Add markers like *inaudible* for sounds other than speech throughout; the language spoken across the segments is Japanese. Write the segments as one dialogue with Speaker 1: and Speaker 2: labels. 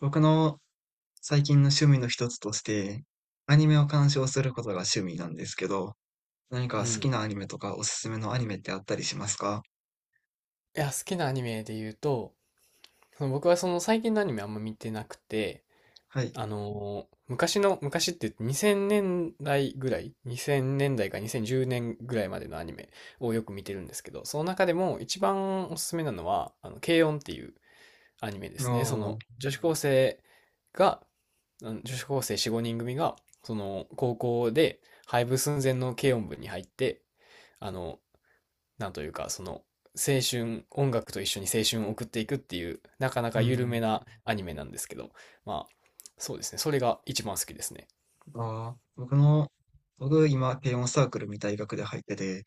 Speaker 1: 僕の最近の趣味の一つとして、アニメを鑑賞することが趣味なんですけど、何か
Speaker 2: う
Speaker 1: 好き
Speaker 2: ん。
Speaker 1: なアニメとかおすすめのアニメってあったりしますか？
Speaker 2: いや、好きなアニメで言うと、僕は最近のアニメあんま見てなくて、
Speaker 1: はい。
Speaker 2: 昔の、昔って言って2000年代ぐらい、2000年代か2010年ぐらいまでのアニメをよく見てるんですけど、その中でも一番おすすめなのは、軽音っていうアニメで
Speaker 1: あ
Speaker 2: すね。その
Speaker 1: あ、
Speaker 2: 女子高生が、あの女子高生4、5人組が、その高校で廃部寸前の軽音部に入って、あの、なんというか、青春、音楽と一緒に青春を送っていくっていう、なかな
Speaker 1: う
Speaker 2: か緩め
Speaker 1: ん。
Speaker 2: なアニメなんですけど、まあ、そうですね。それが一番好きですね。
Speaker 1: ああ、僕今、軽音サークルみたい学で入ってて、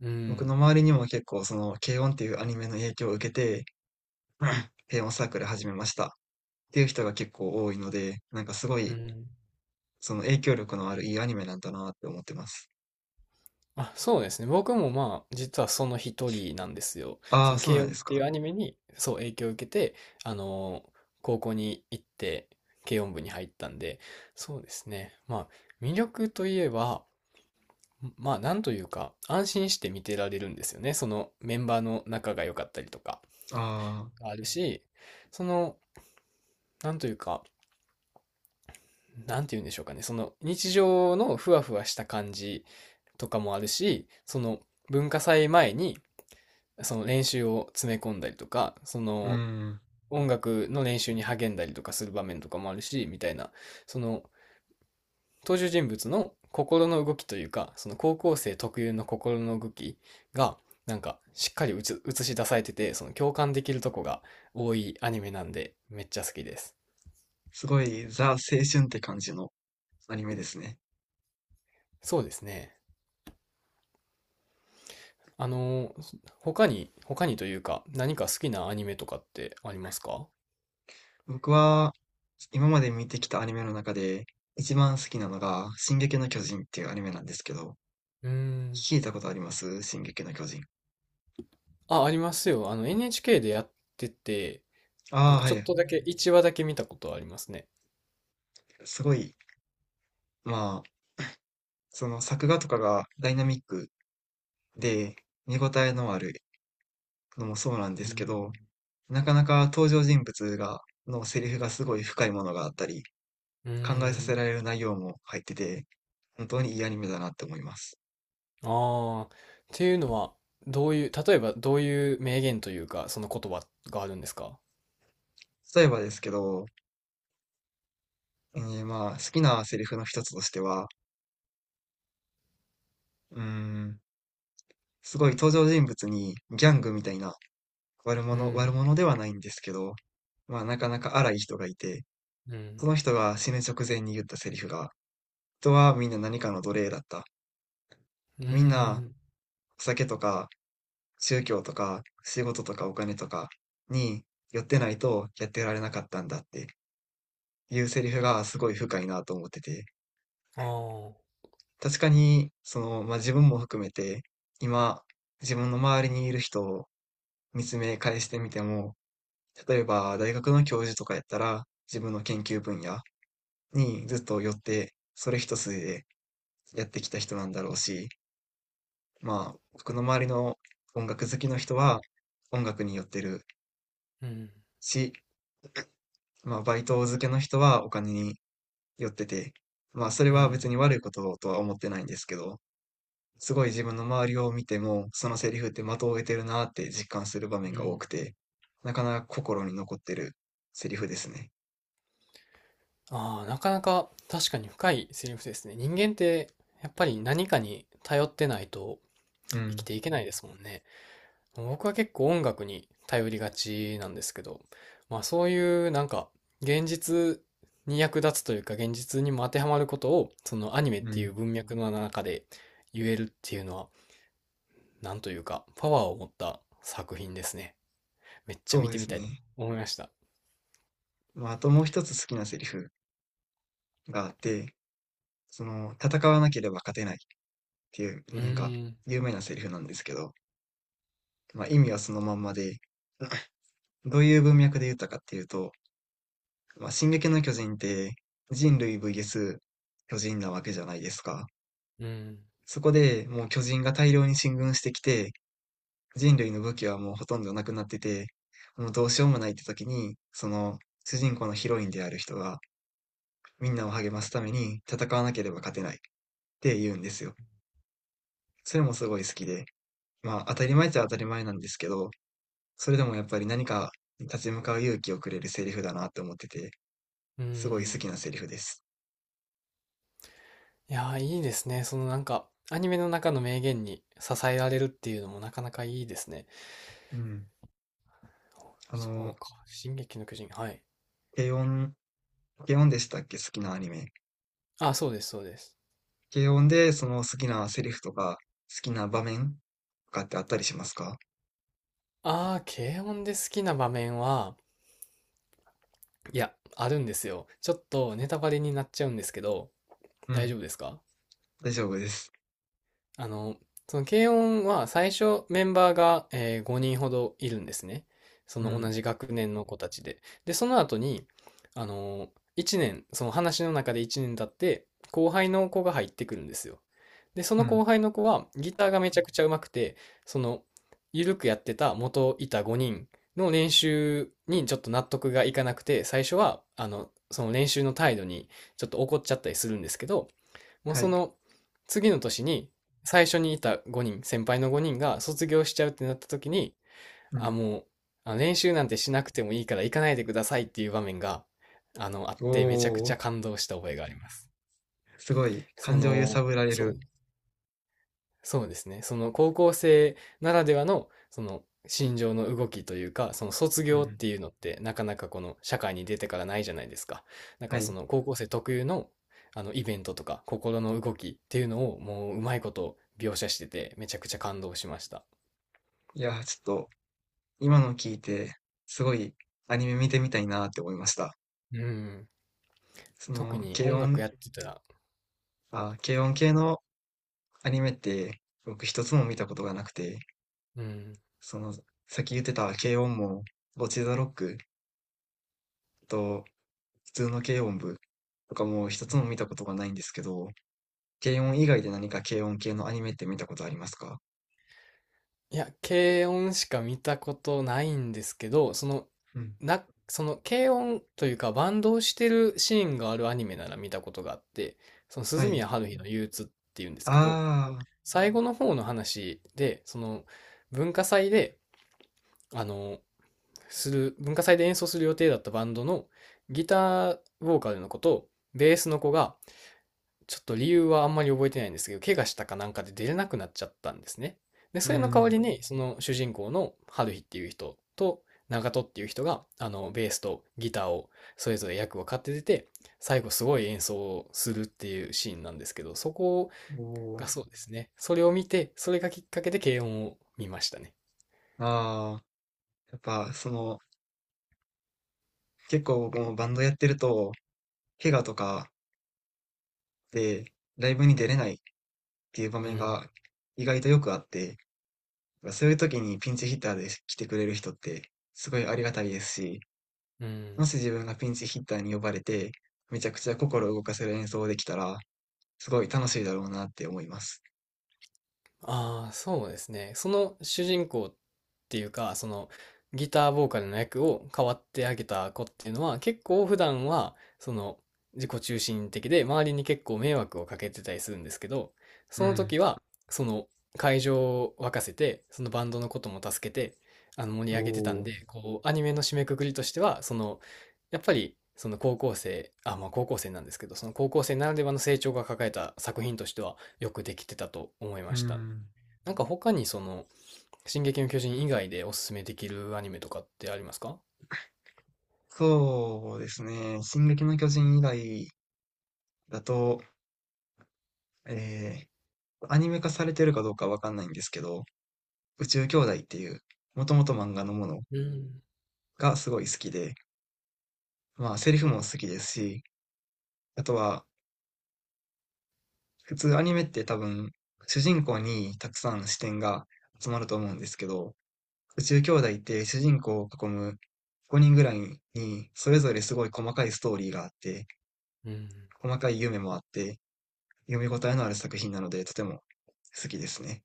Speaker 2: う
Speaker 1: 僕の
Speaker 2: ん。
Speaker 1: 周りにも結構軽音っていうアニメの影響を受けて、*laughs* *clears throat* 軽音サークル始めましたっていう人が結構多いので、なんかすご
Speaker 2: う
Speaker 1: い、
Speaker 2: ん。
Speaker 1: その影響力のあるいいアニメなんだなって思ってます。
Speaker 2: あ、そうですね。僕もまあ、実はその一人なんですよ。
Speaker 1: あ
Speaker 2: そ
Speaker 1: あ、
Speaker 2: の、
Speaker 1: そうな
Speaker 2: 軽
Speaker 1: ん
Speaker 2: 音っ
Speaker 1: です
Speaker 2: てい
Speaker 1: か。
Speaker 2: うアニメに、そう、影響を受けて、あのー高校に行って、軽音部に入ったんで、そうですね。まあ、魅力といえば、まあ、なんというか、安心して見てられるんですよね。そのメンバーの仲が良かったりとか。
Speaker 1: ああ、
Speaker 2: があるし、その、なんというか、なんて言うんでしょうかね、その日常のふわふわした感じとかもあるし、その文化祭前にその練習を詰め込んだりとか、そ
Speaker 1: う
Speaker 2: の
Speaker 1: ん。
Speaker 2: 音楽の練習に励んだりとかする場面とかもあるし、みたいな、その登場人物の心の動きというか、その高校生特有の心の動きが、なんかしっかり映し出されてて、その共感できるとこが多いアニメなんで、めっちゃ好きです。
Speaker 1: すごいザ青春って感じのアニメですね。
Speaker 2: そうですね。あのー、他にというか、何か好きなアニメとかってありますか？
Speaker 1: 僕は今まで見てきたアニメの中で一番好きなのが「進撃の巨人」っていうアニメなんですけど、
Speaker 2: うーん。
Speaker 1: 聞いたことあります進撃の巨人。
Speaker 2: あ、ありますよ。あの、NHK でやってて、な
Speaker 1: あ
Speaker 2: ん
Speaker 1: あ、
Speaker 2: か
Speaker 1: は
Speaker 2: ちょっ
Speaker 1: い。
Speaker 2: とだけ、1話だけ見たことありますね。
Speaker 1: すごい、まあ、その作画とかがダイナミックで見応えのあるのもそうなんで
Speaker 2: う
Speaker 1: す
Speaker 2: ん。
Speaker 1: けど、なかなか登場人物が、のセリフがすごい深いものがあったり、
Speaker 2: うー
Speaker 1: 考えさせ
Speaker 2: ん。
Speaker 1: られる内容も入ってて、本当にいいアニメだなって思います。
Speaker 2: ああ、っていうのは、どういう、例えばどういう名言というか、その言葉があるんですか？
Speaker 1: 例えばですけど、まあ、好きなセリフの一つとしては、うーん、すごい登場人物にギャングみたいな
Speaker 2: うん。
Speaker 1: 悪者ではないんですけど、まあ、なかなか荒い人がいて、
Speaker 2: う
Speaker 1: そ
Speaker 2: ん。
Speaker 1: の人が死ぬ直前に言ったセリフが、人はみんな何かの奴隷だった。
Speaker 2: うー
Speaker 1: みんな、
Speaker 2: ん。
Speaker 1: お酒とか、宗教とか、仕事とかお金とかに寄ってないとやってられなかったんだっていうセリフがすごい深いなと思ってて、
Speaker 2: ああ、
Speaker 1: 確かに、その、まあ、自分も含めて、今、自分の周りにいる人見つめ返してみても、例えば大学の教授とかやったら、自分の研究分野にずっと寄って、それ一筋でやってきた人なんだろうし、まあ、僕の周りの音楽好きの人は音楽に寄ってる
Speaker 2: うん。
Speaker 1: し、まあ、バイト漬けの人はお金に寄ってて、まあ、それ
Speaker 2: う
Speaker 1: は別
Speaker 2: ん。
Speaker 1: に悪いこととは思ってないんですけど、すごい自分の周りを見ても、そのセリフって的を得てるなって実感する場面
Speaker 2: う
Speaker 1: が多
Speaker 2: ん。
Speaker 1: くて、なかなか心に残ってるセリフですね。
Speaker 2: ああ、なかなか確かに深いセリフですね。人間ってやっぱり何かに頼ってないと
Speaker 1: う
Speaker 2: 生き
Speaker 1: ん。
Speaker 2: ていけないですもんね。僕は結構音楽に頼りがちなんですけど、まあそういうなんか現実に役立つというか現実にも当てはまることをそのアニメっ
Speaker 1: う
Speaker 2: ていう
Speaker 1: ん、
Speaker 2: 文脈の中で言えるっていうのはなんというかパワーを持った作品ですね。めっちゃ
Speaker 1: そ
Speaker 2: 見
Speaker 1: うで
Speaker 2: てみ
Speaker 1: す
Speaker 2: たいと
Speaker 1: ね。
Speaker 2: 思いました。
Speaker 1: まあ、あともう一つ好きなセリフがあって、その、戦わなければ勝てないっていう、
Speaker 2: う
Speaker 1: なんか、
Speaker 2: ーん、
Speaker 1: 有名なセリフなんですけど、まあ、意味はそのまんまで、*laughs* どういう文脈で言ったかっていうと、まあ、進撃の巨人って人類 VS 巨人なわけじゃないですか。
Speaker 2: うーん、
Speaker 1: そこでもう巨人が大量に進軍してきて、人類の武器はもうほとんどなくなってて、もうどうしようもないって時に、その主人公のヒロインである人が、みんなを励ますために戦わなければ勝てないって言うんですよ。それもすごい好きで、まあ当たり前っちゃ当たり前なんですけど、それでもやっぱり何か立ち向かう勇気をくれるセリフだなって思ってて、
Speaker 2: うー
Speaker 1: すごい好
Speaker 2: ん。
Speaker 1: きなセリフです。
Speaker 2: いやー、いいですね。そのなんか、アニメの中の名言に支えられるっていうのもなかなかいいですね。
Speaker 1: うん。あの、
Speaker 2: そうか。進撃の巨人。はい。
Speaker 1: 軽音、軽音でしたっけ好きなアニメ。
Speaker 2: あ、そうです、そうです。
Speaker 1: 軽音でその好きなセリフとか、好きな場面とかってあったりしますか？
Speaker 2: あー、軽音で好きな場面は、いや、あるんですよ。ちょっとネタバレになっちゃうんですけど、
Speaker 1: う
Speaker 2: 大丈
Speaker 1: ん。
Speaker 2: 夫ですか？
Speaker 1: 大丈夫です。
Speaker 2: あの、その軽音は最初メンバーが、えー5人ほどいるんですね。そ
Speaker 1: う
Speaker 2: の同
Speaker 1: ん。
Speaker 2: じ学年の子たちで。で、その後に、あの、1年、その話の中で1年経って、後輩の子が入ってくるんですよ。で、そ
Speaker 1: う
Speaker 2: の
Speaker 1: ん。
Speaker 2: 後輩の子はギターがめちゃくちゃ上手くて、その、ゆるくやってた元いた5人の練習にちょっと納得がいかなくて、最初は、その練習の態度にちょっと怒っちゃったりするんですけど、もう
Speaker 1: は
Speaker 2: そ
Speaker 1: い。
Speaker 2: の次の年に最初にいた5人、先輩の5人が卒業しちゃうってなった時に、
Speaker 1: う
Speaker 2: あ、
Speaker 1: ん。
Speaker 2: もう、あの練習なんてしなくてもいいから行かないでくださいっていう場面が、あってめちゃく
Speaker 1: お
Speaker 2: ち
Speaker 1: ー、
Speaker 2: ゃ感動した覚えがあります。
Speaker 1: すごい。
Speaker 2: そ
Speaker 1: 感情揺さ
Speaker 2: の、
Speaker 1: ぶられ
Speaker 2: そう、
Speaker 1: る。
Speaker 2: そうですね。その高校生ならではの、その心情の動きというか、その卒
Speaker 1: う
Speaker 2: 業っ
Speaker 1: ん。
Speaker 2: ていうのってなかなかこの社会に出てからないじゃないですか。なん
Speaker 1: は
Speaker 2: かそ
Speaker 1: い。
Speaker 2: の高校生特有のあのイベントとか心の動きっていうのをもううまいこと描写しててめちゃくちゃ感動しました。
Speaker 1: いやー、ちょっと今の聞いて、すごいアニメ見てみたいなって思いました。
Speaker 2: うん。
Speaker 1: そ
Speaker 2: 特
Speaker 1: の、
Speaker 2: に
Speaker 1: 軽
Speaker 2: 音楽
Speaker 1: 音、
Speaker 2: やってたら、
Speaker 1: あ、軽音系のアニメって僕一つも見たことがなくて、
Speaker 2: うん。
Speaker 1: その、さっき言ってた軽音も、ボチザロックと普通の軽音部とかも一つも見たことがないんですけど、軽音以外で何か軽音系のアニメって見たことありますか？
Speaker 2: いや、軽音しか見たことないんですけど、
Speaker 1: うん。
Speaker 2: その軽音というかバンドをしてるシーンがあるアニメなら見たことがあって、その
Speaker 1: は
Speaker 2: 鈴
Speaker 1: い。
Speaker 2: 宮春日の憂鬱っていうんですけど、
Speaker 1: ああ、
Speaker 2: 最後の方の話で、その文化祭で、あの、文化祭で演奏する予定だったバンドのギターボーカルの子とベースの子が、ちょっと理由はあんまり覚えてないんですけど、怪我したかなんかで出れなくなっちゃったんですね。で、
Speaker 1: う
Speaker 2: それの代わ
Speaker 1: ん。
Speaker 2: りに、その主人公の春日っていう人と長門っていう人が、ベースとギターをそれぞれ役を買って出て、最後すごい演奏をするっていうシーンなんですけど、そこ
Speaker 1: おー。
Speaker 2: がそうですね。それを見て、それがきっかけで軽音を見ましたね。
Speaker 1: ああ、やっぱその、結構僕もバンドやってると、怪我とかでライブに出れないっていう場
Speaker 2: う
Speaker 1: 面
Speaker 2: ん。
Speaker 1: が意外とよくあって、そういう時にピンチヒッターで来てくれる人ってすごいありがたいですし、
Speaker 2: う
Speaker 1: も
Speaker 2: ん。
Speaker 1: し自分がピンチヒッターに呼ばれて、めちゃくちゃ心を動かせる演奏できたら、すごい楽しいだろうなって思います。
Speaker 2: ああ、そうですね。その主人公っていうか、そのギターボーカルの役を変わってあげた子っていうのは、結構普段は、その自己中心的で、周りに結構迷惑をかけてたりするんですけど、
Speaker 1: う
Speaker 2: その
Speaker 1: ん。
Speaker 2: 時は、その会場を沸かせて、そのバンドのことも助けて、あの盛
Speaker 1: お
Speaker 2: り上げてた
Speaker 1: お。
Speaker 2: んで、こう、アニメの締めくくりとしては、やっぱり、その高校生、あ、まあ高校生なんですけど、その高校生ならではの成長が抱えた作品としては、よくできてたと思いま
Speaker 1: う
Speaker 2: した。
Speaker 1: ん。
Speaker 2: なんか他にその、進撃の巨人以外でおすすめできるアニメとかってありますか？
Speaker 1: そうですね。進撃の巨人以外だと、えアニメ化されてるかどうかわかんないんですけど、宇宙兄弟っていう、もともと漫画のもの
Speaker 2: うん。
Speaker 1: がすごい好きで、まあセリフも好きですし、あとは普通アニメって多分主人公にたくさん視点が集まると思うんですけど、宇宙兄弟って主人公を囲む5人ぐらいにそれぞれすごい細かいストーリーがあって、
Speaker 2: うん。
Speaker 1: 細かい夢もあって、読み応えのある作品なのでとても好きですね。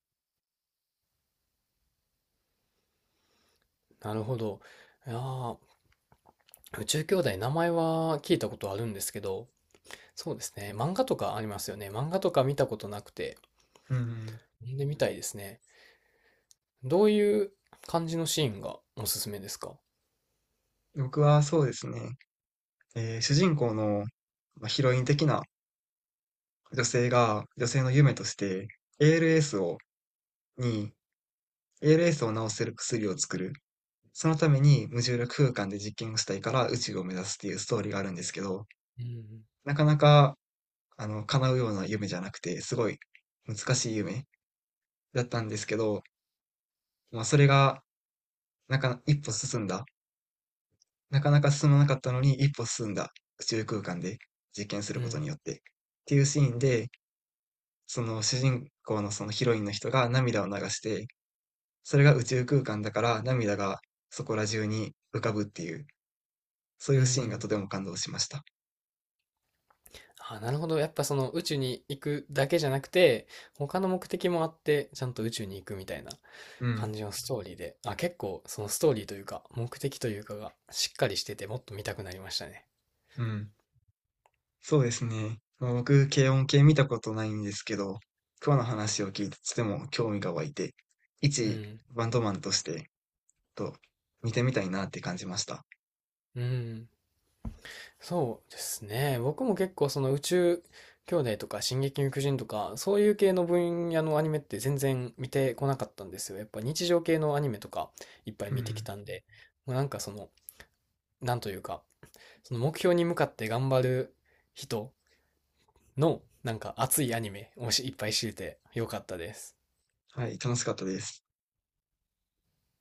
Speaker 2: なるほど。いやー、宇宙兄弟名前は聞いたことあるんですけど、そうですね。漫画とかありますよね。漫画とか見たことなくて、
Speaker 1: うん、
Speaker 2: 読んでみたいですね。どういう感じのシーンがおすすめですか？
Speaker 1: 僕はそうですね、主人公のまあヒロイン的な女性が女性の夢として ALS をに ALS を治せる薬を作る。そのために無重力空間で実験をしたいから宇宙を目指すっていうストーリーがあるんですけど、
Speaker 2: うん。
Speaker 1: なかなか、あの、叶うような夢じゃなくて、すごい難しい夢だったんですけど、まあ、それが、なんか一歩進んだ。なかなか進まなかったのに一歩進んだ宇宙空間で実験する
Speaker 2: う
Speaker 1: ことに
Speaker 2: ん。
Speaker 1: よって。っていうシーンで、その主人公のそのヒロインの人が涙を流して、それが宇宙空間だから涙がそこら中に浮かぶっていうそう
Speaker 2: う
Speaker 1: いうシーンが
Speaker 2: ん。
Speaker 1: とても感動しました。
Speaker 2: あ、なるほど。やっぱその宇宙に行くだけじゃなくて、他の目的もあって、ちゃんと宇宙に行くみたいな。
Speaker 1: う
Speaker 2: 感
Speaker 1: ん、
Speaker 2: じのストーリーで、あ、結構そのストーリーというか、目的というかがしっかりしてて、もっと見たくなりましたね。
Speaker 1: うん。そうですね。まあ、僕、軽音系見たことないんですけど、今日の話を聞いてとても興味が湧いて、
Speaker 2: う
Speaker 1: 一
Speaker 2: ん。
Speaker 1: バンドマンとして、と、見てみたいなって感じました。
Speaker 2: うん。そうですね。僕も結構その宇宙兄弟とか進撃の巨人とか、そういう系の分野のアニメって全然見てこなかったんですよ。やっぱ日常系のアニメとかいっぱい
Speaker 1: う
Speaker 2: 見てき
Speaker 1: ん。
Speaker 2: たんで、もうなんかその、なんというか、その目標に向かって頑張る人のなんか熱いアニメをしいっぱい知れてよかったです。
Speaker 1: はい、楽しかったです。